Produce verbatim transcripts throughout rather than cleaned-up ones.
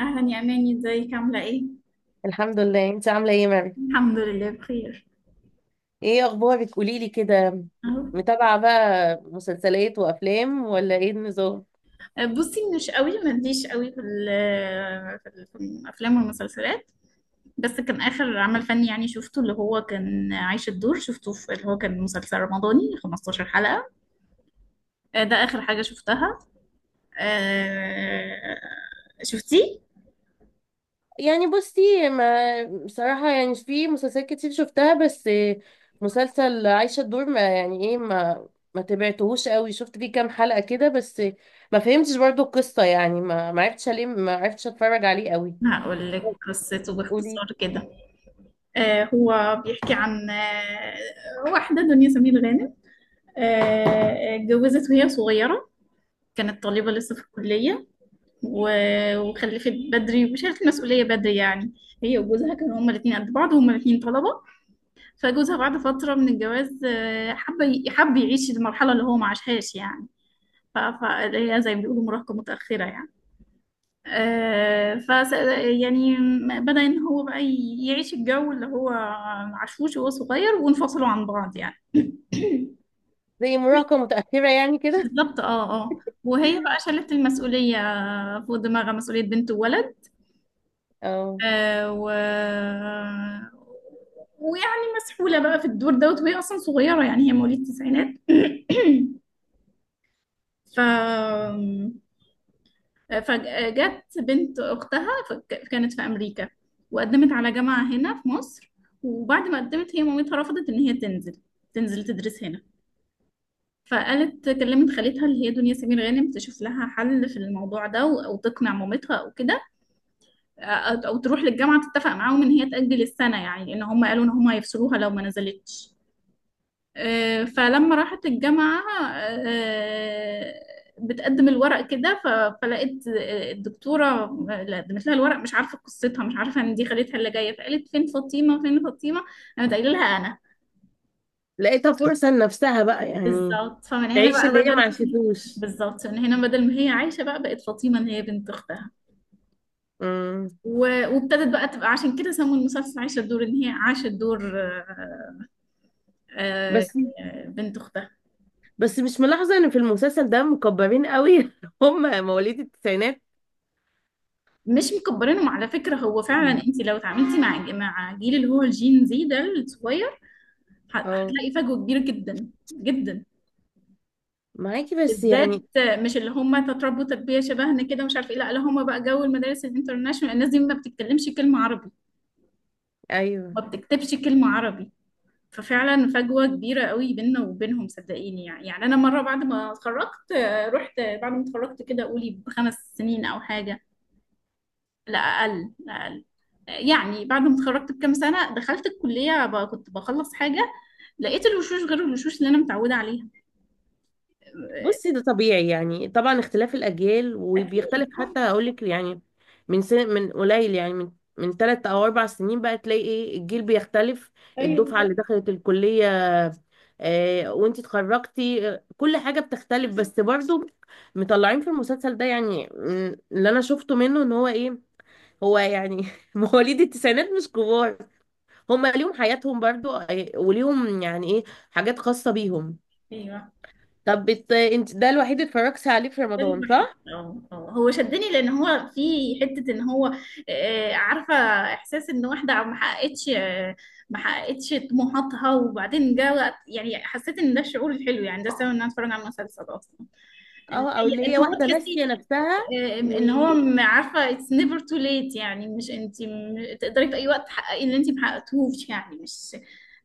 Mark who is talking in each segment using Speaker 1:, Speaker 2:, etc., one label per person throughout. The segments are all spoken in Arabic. Speaker 1: اهلا يا اماني، ازيك؟ عامله ايه؟
Speaker 2: الحمد لله. انت عامله ايه يا مريم؟
Speaker 1: الحمد لله بخير.
Speaker 2: ايه اخبارك، قولي لي كده.
Speaker 1: اهو.
Speaker 2: متابعه بقى مسلسلات وافلام ولا ايه النظام؟
Speaker 1: أه، بصي، مش قوي، ماليش قوي في ال- في ال- في الافلام والمسلسلات. بس كان اخر عمل فني يعني شفته، اللي هو كان عايش الدور، شفته في اللي هو كان مسلسل رمضاني خمستاشر حلقة حلقه. آه، ده اخر حاجه شفتها. آه، شفتيه؟
Speaker 2: يعني بصي، ما بصراحه يعني في مسلسلات كتير شفتها، بس مسلسل عايشه الدور ما يعني ايه، ما ما تبعتهوش قوي، شفت فيه كام حلقه كده بس. ما فهمتش برضو القصه، يعني ما ما عرفتش ليه، ما عرفتش اتفرج عليه قوي.
Speaker 1: هقول لك قصته باختصار
Speaker 2: قولي.
Speaker 1: كده. آه، هو بيحكي عن آه، واحده، دنيا سمير غانم. آه، اتجوزت وهي صغيره، كانت طالبة لسه في الكلية. و- وخلفت بدري وشالت المسؤولية بدري يعني. هي وجوزها كانوا هما الاتنين قد بعض، وهما الاتنين طلبة. فجوزها بعد فترة من الجواز آه، حب ي- حب يعيش المرحلة اللي هو ما عاشهاش يعني. فهي زي ما بيقولوا مراهقة متأخرة يعني. آه، فس يعني، بدأ إن هو بقى ي- يعيش الجو اللي هو عاشوش وهو صغير، وانفصلوا عن بعض يعني.
Speaker 2: زي مراهقه متاخره يعني كده.
Speaker 1: بالظبط، اه، اه. وهي بقى شالت المسؤولية فوق دماغها، مسؤولية بنت وولد.
Speaker 2: اه،
Speaker 1: آه و... ويعني مسحولة بقى في الدور دوت، وهي أصلا صغيرة يعني، هي مواليد التسعينات. ف فجت بنت أختها، فك- كانت في أمريكا، وقدمت على جامعة هنا في مصر. وبعد ما قدمت، هي مامتها رفضت إن هي تنزل تنزل تدرس هنا. فقالت كلمت خالتها اللي هي دنيا سمير غانم تشوف لها حل في الموضوع ده، و- أو تقنع مامتها أو كده، أو أو تروح للجامعة تتفق معاهم إن هي تأجل السنة يعني، لأن هم قالوا إن هم هيفصلوها لو ما نزلتش. آه، فلما راحت الجامعة آه، بتقدم الورق كده، ف- فلقيت الدكتورة اللي قدمت لها الورق مش عارفة قصتها، مش عارفة إن دي خالتها اللي جاية، فقالت فين فاطمة، فين فاطمة؟ قامت قايلة لها أنا.
Speaker 2: لقيتها فرصة لنفسها بقى يعني،
Speaker 1: بالظبط، فمن هنا
Speaker 2: تعيش
Speaker 1: بقى
Speaker 2: اللي هي ما
Speaker 1: بدل
Speaker 2: عرفتوش.
Speaker 1: بالظبط، من هنا بدل ما هي عايشة بقى، بقت فاطمة إن هي بنت أختها.
Speaker 2: أمم.
Speaker 1: و- وابتدت بقى تبقى، عشان كده سموا المسلسل عايشة الدور، إن هي عاشت دور آه، آه،
Speaker 2: بس
Speaker 1: بنت اختها.
Speaker 2: بس مش ملاحظة ان في المسلسل ده مكبرين قوي؟ هم مواليد التسعينات.
Speaker 1: مش مكبرينهم على فكره. هو فعلا
Speaker 2: مم.
Speaker 1: انت لو اتعاملتي مع مع جيل اللي هو الجين زي ده الصغير، ه-
Speaker 2: اه،
Speaker 1: هتلاقي فجوه كبيره جدا جدا،
Speaker 2: معاكي بس
Speaker 1: بالذات
Speaker 2: يعني.
Speaker 1: مش اللي هم تتربوا تربيه شبهنا كده، مش عارفه ايه. لا، لا، هم بقى جو المدارس الانترناشونال، الناس دي ما بتتكلمش كلمه عربي،
Speaker 2: ايوه،
Speaker 1: ما بتكتبش كلمه عربي. ففعلا فجوه كبيره قوي بيننا وبينهم، صدقيني يعني يعني انا مره بعد ما اتخرجت آه، رحت بعد ما اتخرجت، كده قولي بخمس سنين او حاجه. لا أقل، لا أقل. يعني بعد ما اتخرجت بكام سنة، دخلت الكلية بقى كنت بخلص حاجة، لقيت الوشوش غير الوشوش اللي أنا متعودة عليها.
Speaker 2: بصي ده طبيعي يعني، طبعا اختلاف الأجيال وبيختلف
Speaker 1: أكيد.
Speaker 2: حتى أقولك يعني، من سن، من قليل يعني، من من ثلاث أو أربع سنين بقى تلاقي إيه الجيل بيختلف.
Speaker 1: أيوه،
Speaker 2: الدفعة
Speaker 1: بالظبط.
Speaker 2: اللي دخلت الكلية، آه وانتي اتخرجتي، آه، كل حاجة بتختلف، بس برضو مطلعين في المسلسل ده يعني، م، اللي أنا شفته منه إن هو إيه، هو يعني مواليد التسعينات مش كبار، هما ليهم حياتهم برضو، آه، وليهم يعني إيه، حاجات خاصة بيهم.
Speaker 1: أيوه.
Speaker 2: طب بت... انت ده الوحيد اللي اتفرجتي عليه في
Speaker 1: ده اللي
Speaker 2: رمضان
Speaker 1: بحس،
Speaker 2: صح؟
Speaker 1: اه، اه، هو شدني لأن هو في حتة إن هو آه، عارفة، إحساس إن واحدة ما حققتش، آه، ما حققتش طموحاتها، وبعدين جه وقت يعني حسيت إن ده الشعور الحلو يعني، ده السبب إن أنا أتفرج على المسلسل أصلا.
Speaker 2: اه، او اللي
Speaker 1: ان
Speaker 2: هي
Speaker 1: هو
Speaker 2: واحدة
Speaker 1: تحسي
Speaker 2: ناسية نفسها.
Speaker 1: آه،
Speaker 2: و
Speaker 1: ان هو م- عارفه it's never too late يعني، مش انت م- تقدري في اي وقت تحققي اللي انت محققتوش يعني، مش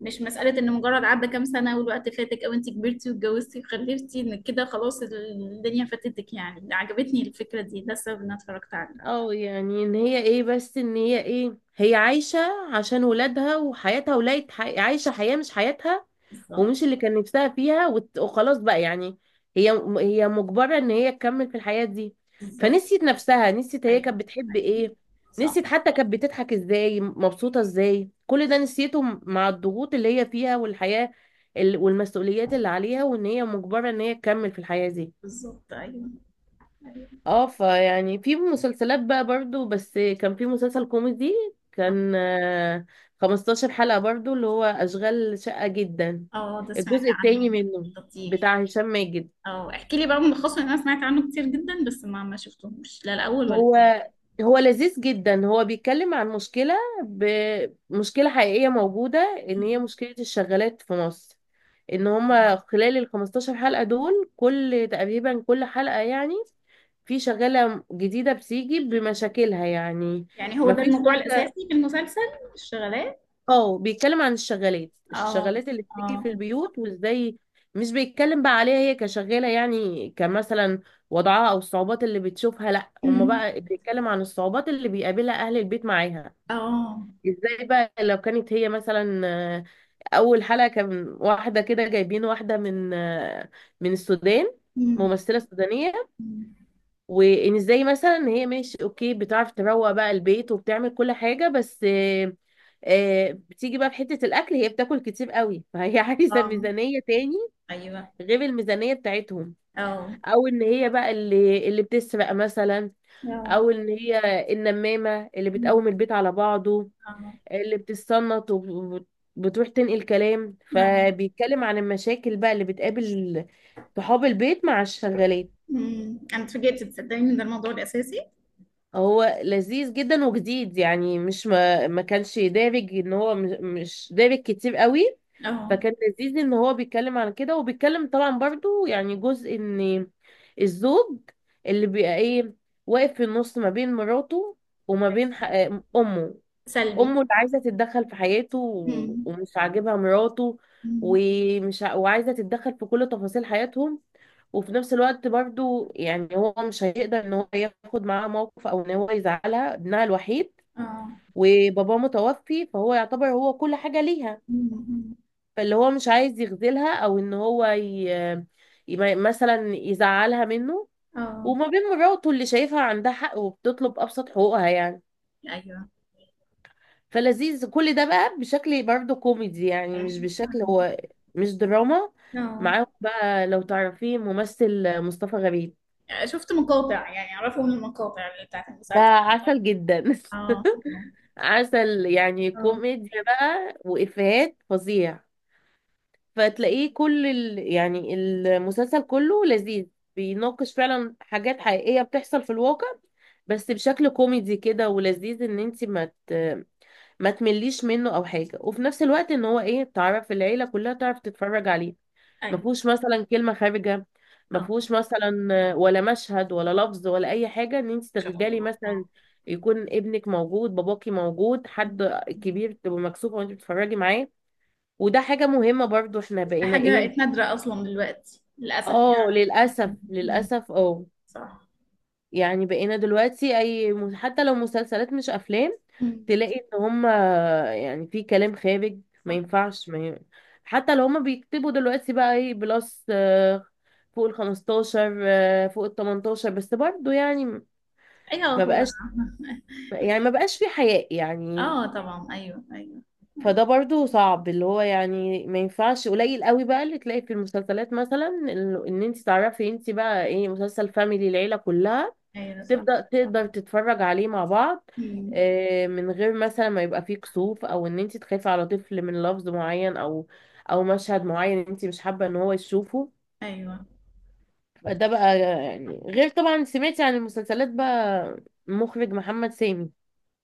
Speaker 1: مش مساله ان مجرد عدى كام سنه والوقت فاتك، او انت كبرتي واتجوزتي وخلفتي، ان كده خلاص الدنيا فاتتك يعني. عجبتني الفكره دي، ده السبب ان انا اتفرجت عليه.
Speaker 2: اه، يعني ان هي ايه، بس ان هي ايه، هي عايشة عشان ولادها وحياتها، ولاقت ح... عايشة حياة مش حياتها،
Speaker 1: بالظبط.
Speaker 2: ومش اللي كان نفسها فيها، وت- وخلاص بقى يعني، هي هي مجبرة ان هي تكمل في الحياة دي.
Speaker 1: بالظبط،
Speaker 2: فنسيت نفسها، نسيت هي
Speaker 1: ايوه،
Speaker 2: كانت بتحب
Speaker 1: ايوه،
Speaker 2: ايه،
Speaker 1: صح.
Speaker 2: نسيت حتى كانت بتضحك ازاي، مبسوطة ازاي، كل ده نسيته م- مع الضغوط اللي هي فيها، والحياة ال- والمسؤوليات اللي عليها، وان هي مجبرة ان هي تكمل في الحياة دي.
Speaker 1: بالظبط، ايوه، ايوه.
Speaker 2: اه، فيعني في مسلسلات بقى برضو، بس كان في مسلسل كوميدي،
Speaker 1: اه.
Speaker 2: كان آه، خمستاشر حلقة برضو، اللي هو أشغال شقة جدا،
Speaker 1: آه، ده سمعت
Speaker 2: الجزء التاني
Speaker 1: عنه.
Speaker 2: منه،
Speaker 1: لطيف.
Speaker 2: بتاع هشام ماجد.
Speaker 1: اه، احكي لي بقى ملخصه، لأن انا سمعت عنه كتير جدا بس ما ما شفتهوش، لا الاول ولا
Speaker 2: هو
Speaker 1: الثاني.
Speaker 2: هو لذيذ جدا، هو بيتكلم عن مشكلة، بمشكلة حقيقية موجودة، ان هي مشكلة الشغالات في مصر، ان هما خلال ال خمستاشر حلقة دول، كل تقريبا كل حلقة يعني في شغالة جديدة بتيجي بمشاكلها يعني.
Speaker 1: يعني هو ده
Speaker 2: مفيش
Speaker 1: الموضوع
Speaker 2: واحدة.
Speaker 1: الاساسي في المسلسل؟ الشغلات.
Speaker 2: اه، بيتكلم عن الشغالات،
Speaker 1: اه.
Speaker 2: الشغالات اللي
Speaker 1: اه.
Speaker 2: بتيجي في البيوت. وازاي مش بيتكلم بقى عليها هي كشغالة، يعني كمثلا وضعها او الصعوبات اللي بتشوفها، لا، هما
Speaker 1: أمم.
Speaker 2: بقى بيتكلم عن الصعوبات اللي بيقابلها اهل البيت معاها.
Speaker 1: اه.
Speaker 2: ازاي بقى لو كانت هي مثلا، آه، اول حلقة كان واحدة كده، جايبين واحدة من آه، من السودان،
Speaker 1: أمم.
Speaker 2: ممثلة سودانية.
Speaker 1: أمم.
Speaker 2: وان ازاي مثلا هي ماشي اوكي، بتعرف تروق بقى البيت وبتعمل كل حاجه، بس آه، آه، بتيجي بقى في حته الاكل، هي بتاكل كتير قوي، فهي عايزه
Speaker 1: اه.
Speaker 2: ميزانيه تاني
Speaker 1: ايوه.
Speaker 2: غير الميزانيه بتاعتهم.
Speaker 1: اه.
Speaker 2: او ان هي بقى اللي اللي بتسرق مثلا،
Speaker 1: اه.
Speaker 2: او ان هي النمامه اللي
Speaker 1: أمم.
Speaker 2: بتقوم البيت على بعضه،
Speaker 1: اه.
Speaker 2: اللي بتستنط وبتروح تنقل كلام.
Speaker 1: اه.
Speaker 2: فبيتكلم عن المشاكل بقى اللي بتقابل صحاب البيت مع الشغالات.
Speaker 1: أمم. انا اتفاجئت، تصدقني ان ده الموضوع الاساسي.
Speaker 2: هو لذيذ جدا وجديد، يعني مش ما, ما كانش دارج، ان هو مش مش دارج كتير قوي.
Speaker 1: اه.
Speaker 2: فكان لذيذ ان هو بيتكلم عن كده. وبيتكلم طبعا برضو يعني جزء ان الزوج، اللي بيبقى ايه، واقف في النص ما بين مراته، وما بين ح- آه، امه،
Speaker 1: سلبي.
Speaker 2: امه اللي عايزه تتدخل في حياته، و-
Speaker 1: أمم.
Speaker 2: ومش عاجبها مراته،
Speaker 1: أمم.
Speaker 2: ومش ع- وعايزه تتدخل في كل تفاصيل حياتهم، وفي نفس الوقت برضو يعني هو مش هيقدر ان هو ياخد معاها موقف، او ان هو يزعلها، ابنها الوحيد
Speaker 1: اه.
Speaker 2: وباباه متوفي فهو يعتبر هو كل حاجه ليها،
Speaker 1: أمم.
Speaker 2: فاللي هو مش عايز يخذلها، او ان هو ي... ي- مثلا يزعلها منه،
Speaker 1: اه.
Speaker 2: وما بين مراته اللي شايفها عندها حق وبتطلب ابسط حقوقها يعني.
Speaker 1: ايوه،
Speaker 2: فلذيذ كل ده بقى بشكل برضه كوميدي، يعني مش
Speaker 1: ايوه.
Speaker 2: بشكل، هو مش دراما.
Speaker 1: اه.
Speaker 2: معاهم بقى، لو تعرفيه، ممثل مصطفى غريب
Speaker 1: يعني شفت مقاطع، يعني اعرفه من المقاطع اللي بتاعت
Speaker 2: ده
Speaker 1: المسلسل.
Speaker 2: عسل جدا،
Speaker 1: اه. اه.
Speaker 2: عسل، يعني
Speaker 1: اه.
Speaker 2: كوميديا بقى وإفيهات فظيع. فتلاقيه كل ال... يعني المسلسل كله لذيذ، بيناقش فعلا حاجات حقيقية بتحصل في الواقع، بس بشكل كوميدي كده، ولذيذ ان انت ما ت... ما تمليش منه او حاجه، وفي نفس الوقت ان هو ايه، تعرف العيله كلها تعرف تتفرج عليه، ما
Speaker 1: ايوه.
Speaker 2: فيهوش مثلا كلمه خارجه،
Speaker 1: اه.
Speaker 2: ما
Speaker 1: ان
Speaker 2: فيهوش مثلا ولا مشهد ولا لفظ ولا اي حاجه ان انت
Speaker 1: شاء
Speaker 2: تخجلي
Speaker 1: الله.
Speaker 2: مثلا
Speaker 1: اه.
Speaker 2: يكون ابنك موجود، باباكي موجود، حد كبير، تبقى مكسوفه وانت بتتفرجي معاه. وده حاجه مهمه برضو، احنا
Speaker 1: ده
Speaker 2: بقينا ايه.
Speaker 1: حاجة نادرة اصلا دلوقتي للاسف
Speaker 2: اه
Speaker 1: يعني.
Speaker 2: للاسف،
Speaker 1: مم.
Speaker 2: للاسف، اه.
Speaker 1: صح.
Speaker 2: يعني بقينا دلوقتي اي م- حتى لو مسلسلات مش افلام،
Speaker 1: مم.
Speaker 2: تلاقي ان هم يعني في كلام خارج ما
Speaker 1: صح.
Speaker 2: ينفعش ما ي... حتى لو هم بيكتبوا دلوقتي بقى ايه بلس، آه، فوق ال خمستاشر، آه، فوق ال تمنتاشر بس برضو يعني،
Speaker 1: ايوه.
Speaker 2: ما
Speaker 1: هو
Speaker 2: بقاش، يعني ما بقاش في حياء يعني.
Speaker 1: اه. طبعا، ايوه، ايوه. ايوه,
Speaker 2: فده برضو صعب اللي هو يعني ما ينفعش، قليل قوي بقى اللي تلاقي في المسلسلات مثلا، ان إن انت تعرفي انت بقى ايه مسلسل فاميلي، العيلة كلها
Speaker 1: أيوة، صح.
Speaker 2: تبدأ تقدر تتفرج عليه مع بعض،
Speaker 1: مم.
Speaker 2: آه، من غير مثلا ما يبقى فيه كسوف، او ان انت تخافي على طفل من لفظ معين، او او مشهد معين انت مش حابة ان هو يشوفه.
Speaker 1: ايوه.
Speaker 2: ده بقى يعني غير طبعا، سمعتي عن المسلسلات بقى مخرج محمد سامي،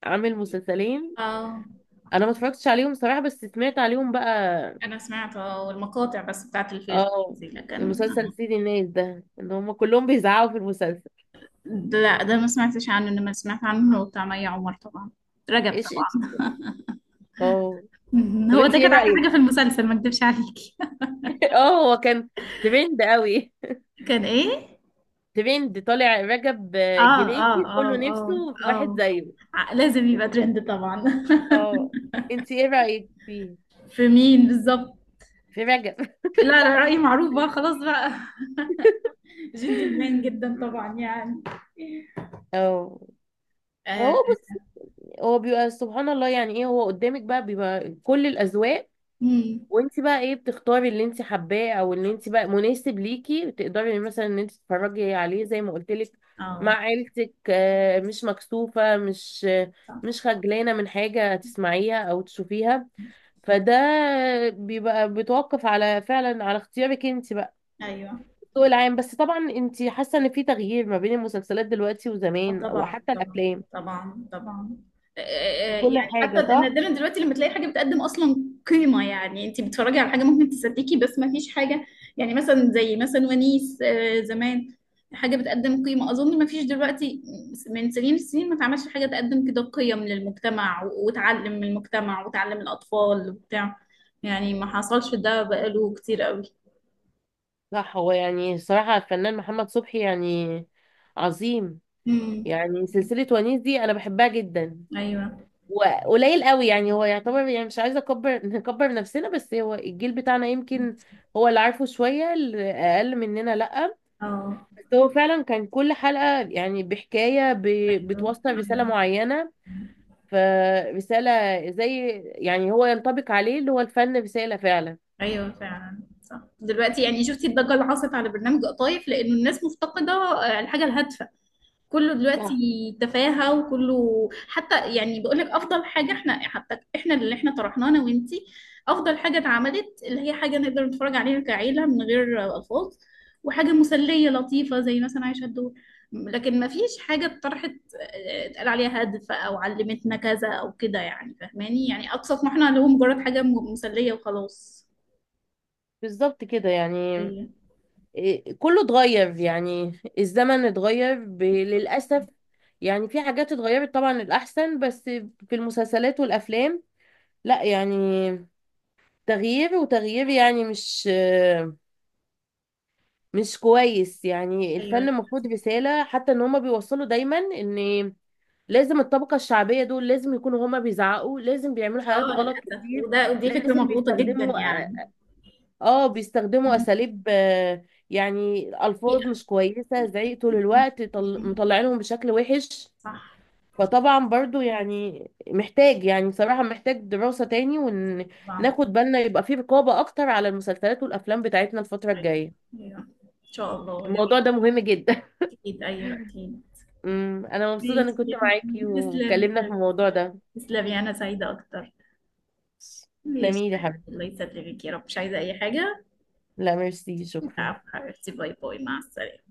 Speaker 2: عامل مسلسلين.
Speaker 1: اه.
Speaker 2: انا ما اتفرجتش عليهم صراحة، بس سمعت عليهم بقى.
Speaker 1: انا سمعت اه المقاطع بس بتاعت الفيلم
Speaker 2: اه،
Speaker 1: دي، لكن
Speaker 2: المسلسل
Speaker 1: آه.
Speaker 2: سيد الناس ده ان هم كلهم بيزعقوا في المسلسل.
Speaker 1: ده- لا، ده ما سمعتش عنه، انما سمعت عنه بتاع مي عمر طبعا، رجب
Speaker 2: ايش ايش.
Speaker 1: طبعا.
Speaker 2: اه،
Speaker 1: مهم.
Speaker 2: طب
Speaker 1: هو
Speaker 2: انت
Speaker 1: ده
Speaker 2: ايه
Speaker 1: كانت احلى
Speaker 2: رأيك؟
Speaker 1: حاجه في المسلسل، ما اكدبش عليكي.
Speaker 2: اه، هو كان ترند قوي،
Speaker 1: كان ايه؟
Speaker 2: ترند طالع رجب،
Speaker 1: اه،
Speaker 2: آه،
Speaker 1: اه،
Speaker 2: جريتي
Speaker 1: اه،
Speaker 2: كله
Speaker 1: اه،
Speaker 2: نفسه في واحد
Speaker 1: اه.
Speaker 2: زيه.
Speaker 1: ع- لازم يبقى ترند طبعا.
Speaker 2: اه، انت ايه رأيك فيه؟
Speaker 1: في مين بالظبط؟
Speaker 2: في رجب؟
Speaker 1: لا، لا، رأيي معروف بقى، خلاص بقى. جنتلمان جدا طبعا يعني.
Speaker 2: اه،
Speaker 1: اه.
Speaker 2: فهو بص، هو بيبقى سبحان الله، يعني ايه، هو قدامك بقى بيبقى كل الاذواق،
Speaker 1: مم.
Speaker 2: وانت بقى ايه بتختاري اللي انت حباه، او اللي انت بقى مناسب ليكي، تقدري مثلا ان انت تتفرجي عليه زي ما قلت لك مع
Speaker 1: آه،
Speaker 2: عيلتك، آه، مش مكسوفة، مش
Speaker 1: صح.
Speaker 2: مش خجلانة من حاجة تسمعيها او تشوفيها. فده بيبقى بيتوقف على فعلا على اختيارك انت بقى،
Speaker 1: ايوه.
Speaker 2: الذوق العام. بس طبعا انت حاسه ان في تغيير ما بين المسلسلات دلوقتي
Speaker 1: اه.
Speaker 2: وزمان
Speaker 1: طبعا،
Speaker 2: وحتى
Speaker 1: طبعا.
Speaker 2: الافلام
Speaker 1: طبعا، طبعا. آه، آه، آه، يعني
Speaker 2: وكل
Speaker 1: حتى
Speaker 2: حاجه،
Speaker 1: انا
Speaker 2: صح؟
Speaker 1: دايما دلوقتي لما تلاقي حاجه بتقدم اصلا قيمه يعني، انت بتتفرجي على حاجه ممكن تصدقي، بس ما فيش حاجه. يعني مثلا زي مثلا ونيس، آه، زمان، حاجه بتقدم قيمه اظن ما فيش دلوقتي. من سنين السنين ما اتعملش حاجه تقدم كده قيم للمجتمع، و- وتعلم من المجتمع وتعلم الاطفال وبتاع. يعني ما حصلش ده بقاله كتير قوي.
Speaker 2: صح، هو يعني الصراحه الفنان محمد صبحي يعني عظيم،
Speaker 1: امم.
Speaker 2: يعني سلسله ونيس دي انا بحبها جدا،
Speaker 1: ايوه.
Speaker 2: وقليل قوي يعني، هو يعتبر يعني، مش عايزه اكبر نكبر نفسنا، بس هو الجيل بتاعنا يمكن هو اللي عارفه شويه، اللي اقل مننا لا.
Speaker 1: اه.
Speaker 2: بس هو فعلا كان كل حلقة يعني بحكاية ب...
Speaker 1: ايوه،
Speaker 2: بتوصل رسالة
Speaker 1: ايوه،
Speaker 2: معينة، فرسالة، زي يعني هو ينطبق عليه اللي هو الفن رسالة فعلا.
Speaker 1: ايوه فعلا صح. دلوقتي يعني شفتي الضجه اللي حصلت على برنامج قطايف، لانه الناس مفتقده آه، الحاجه الهادفه. كله دلوقتي
Speaker 2: صح،
Speaker 1: تفاهه وكله حتى، يعني بقول لك افضل حاجه احنا حتى، احنا اللي احنا طرحناه انا وانتي، افضل حاجه اتعملت، اللي هي حاجه نقدر نتفرج عليها كعيله من غير آه، الفاظ، وحاجه مسليه لطيفه زي مثلا عايشه الدور. لكن ما فيش حاجه اتطرحت آه، اتقال عليها هادفه او علمتنا كذا او كده يعني، فاهماني؟ يعني اقصى طموحنا اللي هو مجرد حاجه م- مسليه وخلاص.
Speaker 2: بالظبط كده يعني، إيه، كله اتغير يعني، الزمن اتغير ب... للأسف. يعني في حاجات اتغيرت طبعا الأحسن، بس في المسلسلات والأفلام، لا يعني، تغيير وتغيير يعني، مش مش كويس. يعني
Speaker 1: ايوه
Speaker 2: الفن المفروض
Speaker 1: للاسف.
Speaker 2: رسالة، حتى ان هما بيوصلوا دايما ان لازم الطبقة الشعبية دول لازم يكونوا هما بيزعقوا، لازم بيعملوا حاجات
Speaker 1: اه
Speaker 2: غلط
Speaker 1: للاسف.
Speaker 2: كتير،
Speaker 1: وده ودي فكره
Speaker 2: لازم
Speaker 1: مغلوطه جدا
Speaker 2: بيستخدموا،
Speaker 1: يعني.
Speaker 2: اه بيستخدموا
Speaker 1: مم.
Speaker 2: أساليب، آه، يعني ألفاظ مش كويسة، زعيق طول الوقت، طل...
Speaker 1: مم.
Speaker 2: مطلعينهم بشكل وحش.
Speaker 1: صح.
Speaker 2: فطبعا برضو يعني محتاج، يعني صراحة محتاج دراسة تاني،
Speaker 1: طبعا.
Speaker 2: وناخد بالنا يبقى في رقابة أكتر على المسلسلات والأفلام بتاعتنا الفترة
Speaker 1: ايوه،
Speaker 2: الجاية.
Speaker 1: ايوه. ان شاء الله يعني.
Speaker 2: الموضوع ده مهم جدا.
Speaker 1: اكيد، ايوه، اكيد.
Speaker 2: أمم، أنا مبسوطة إني
Speaker 1: ماشي
Speaker 2: كنت
Speaker 1: يا
Speaker 2: معاكي
Speaker 1: حبيبي. تسلمي يا
Speaker 2: واتكلمنا في
Speaker 1: حبيبي.
Speaker 2: الموضوع ده.
Speaker 1: تسلمي، انا سعيده اكتر. ماشي.
Speaker 2: تسلميلي يا حبيبتي.
Speaker 1: الله يسلمك يا رب. مش عايزه اي حاجه.
Speaker 2: لا ميرسي شكرا.
Speaker 1: عفوا حبيبتي. باي باي، مع السلامه.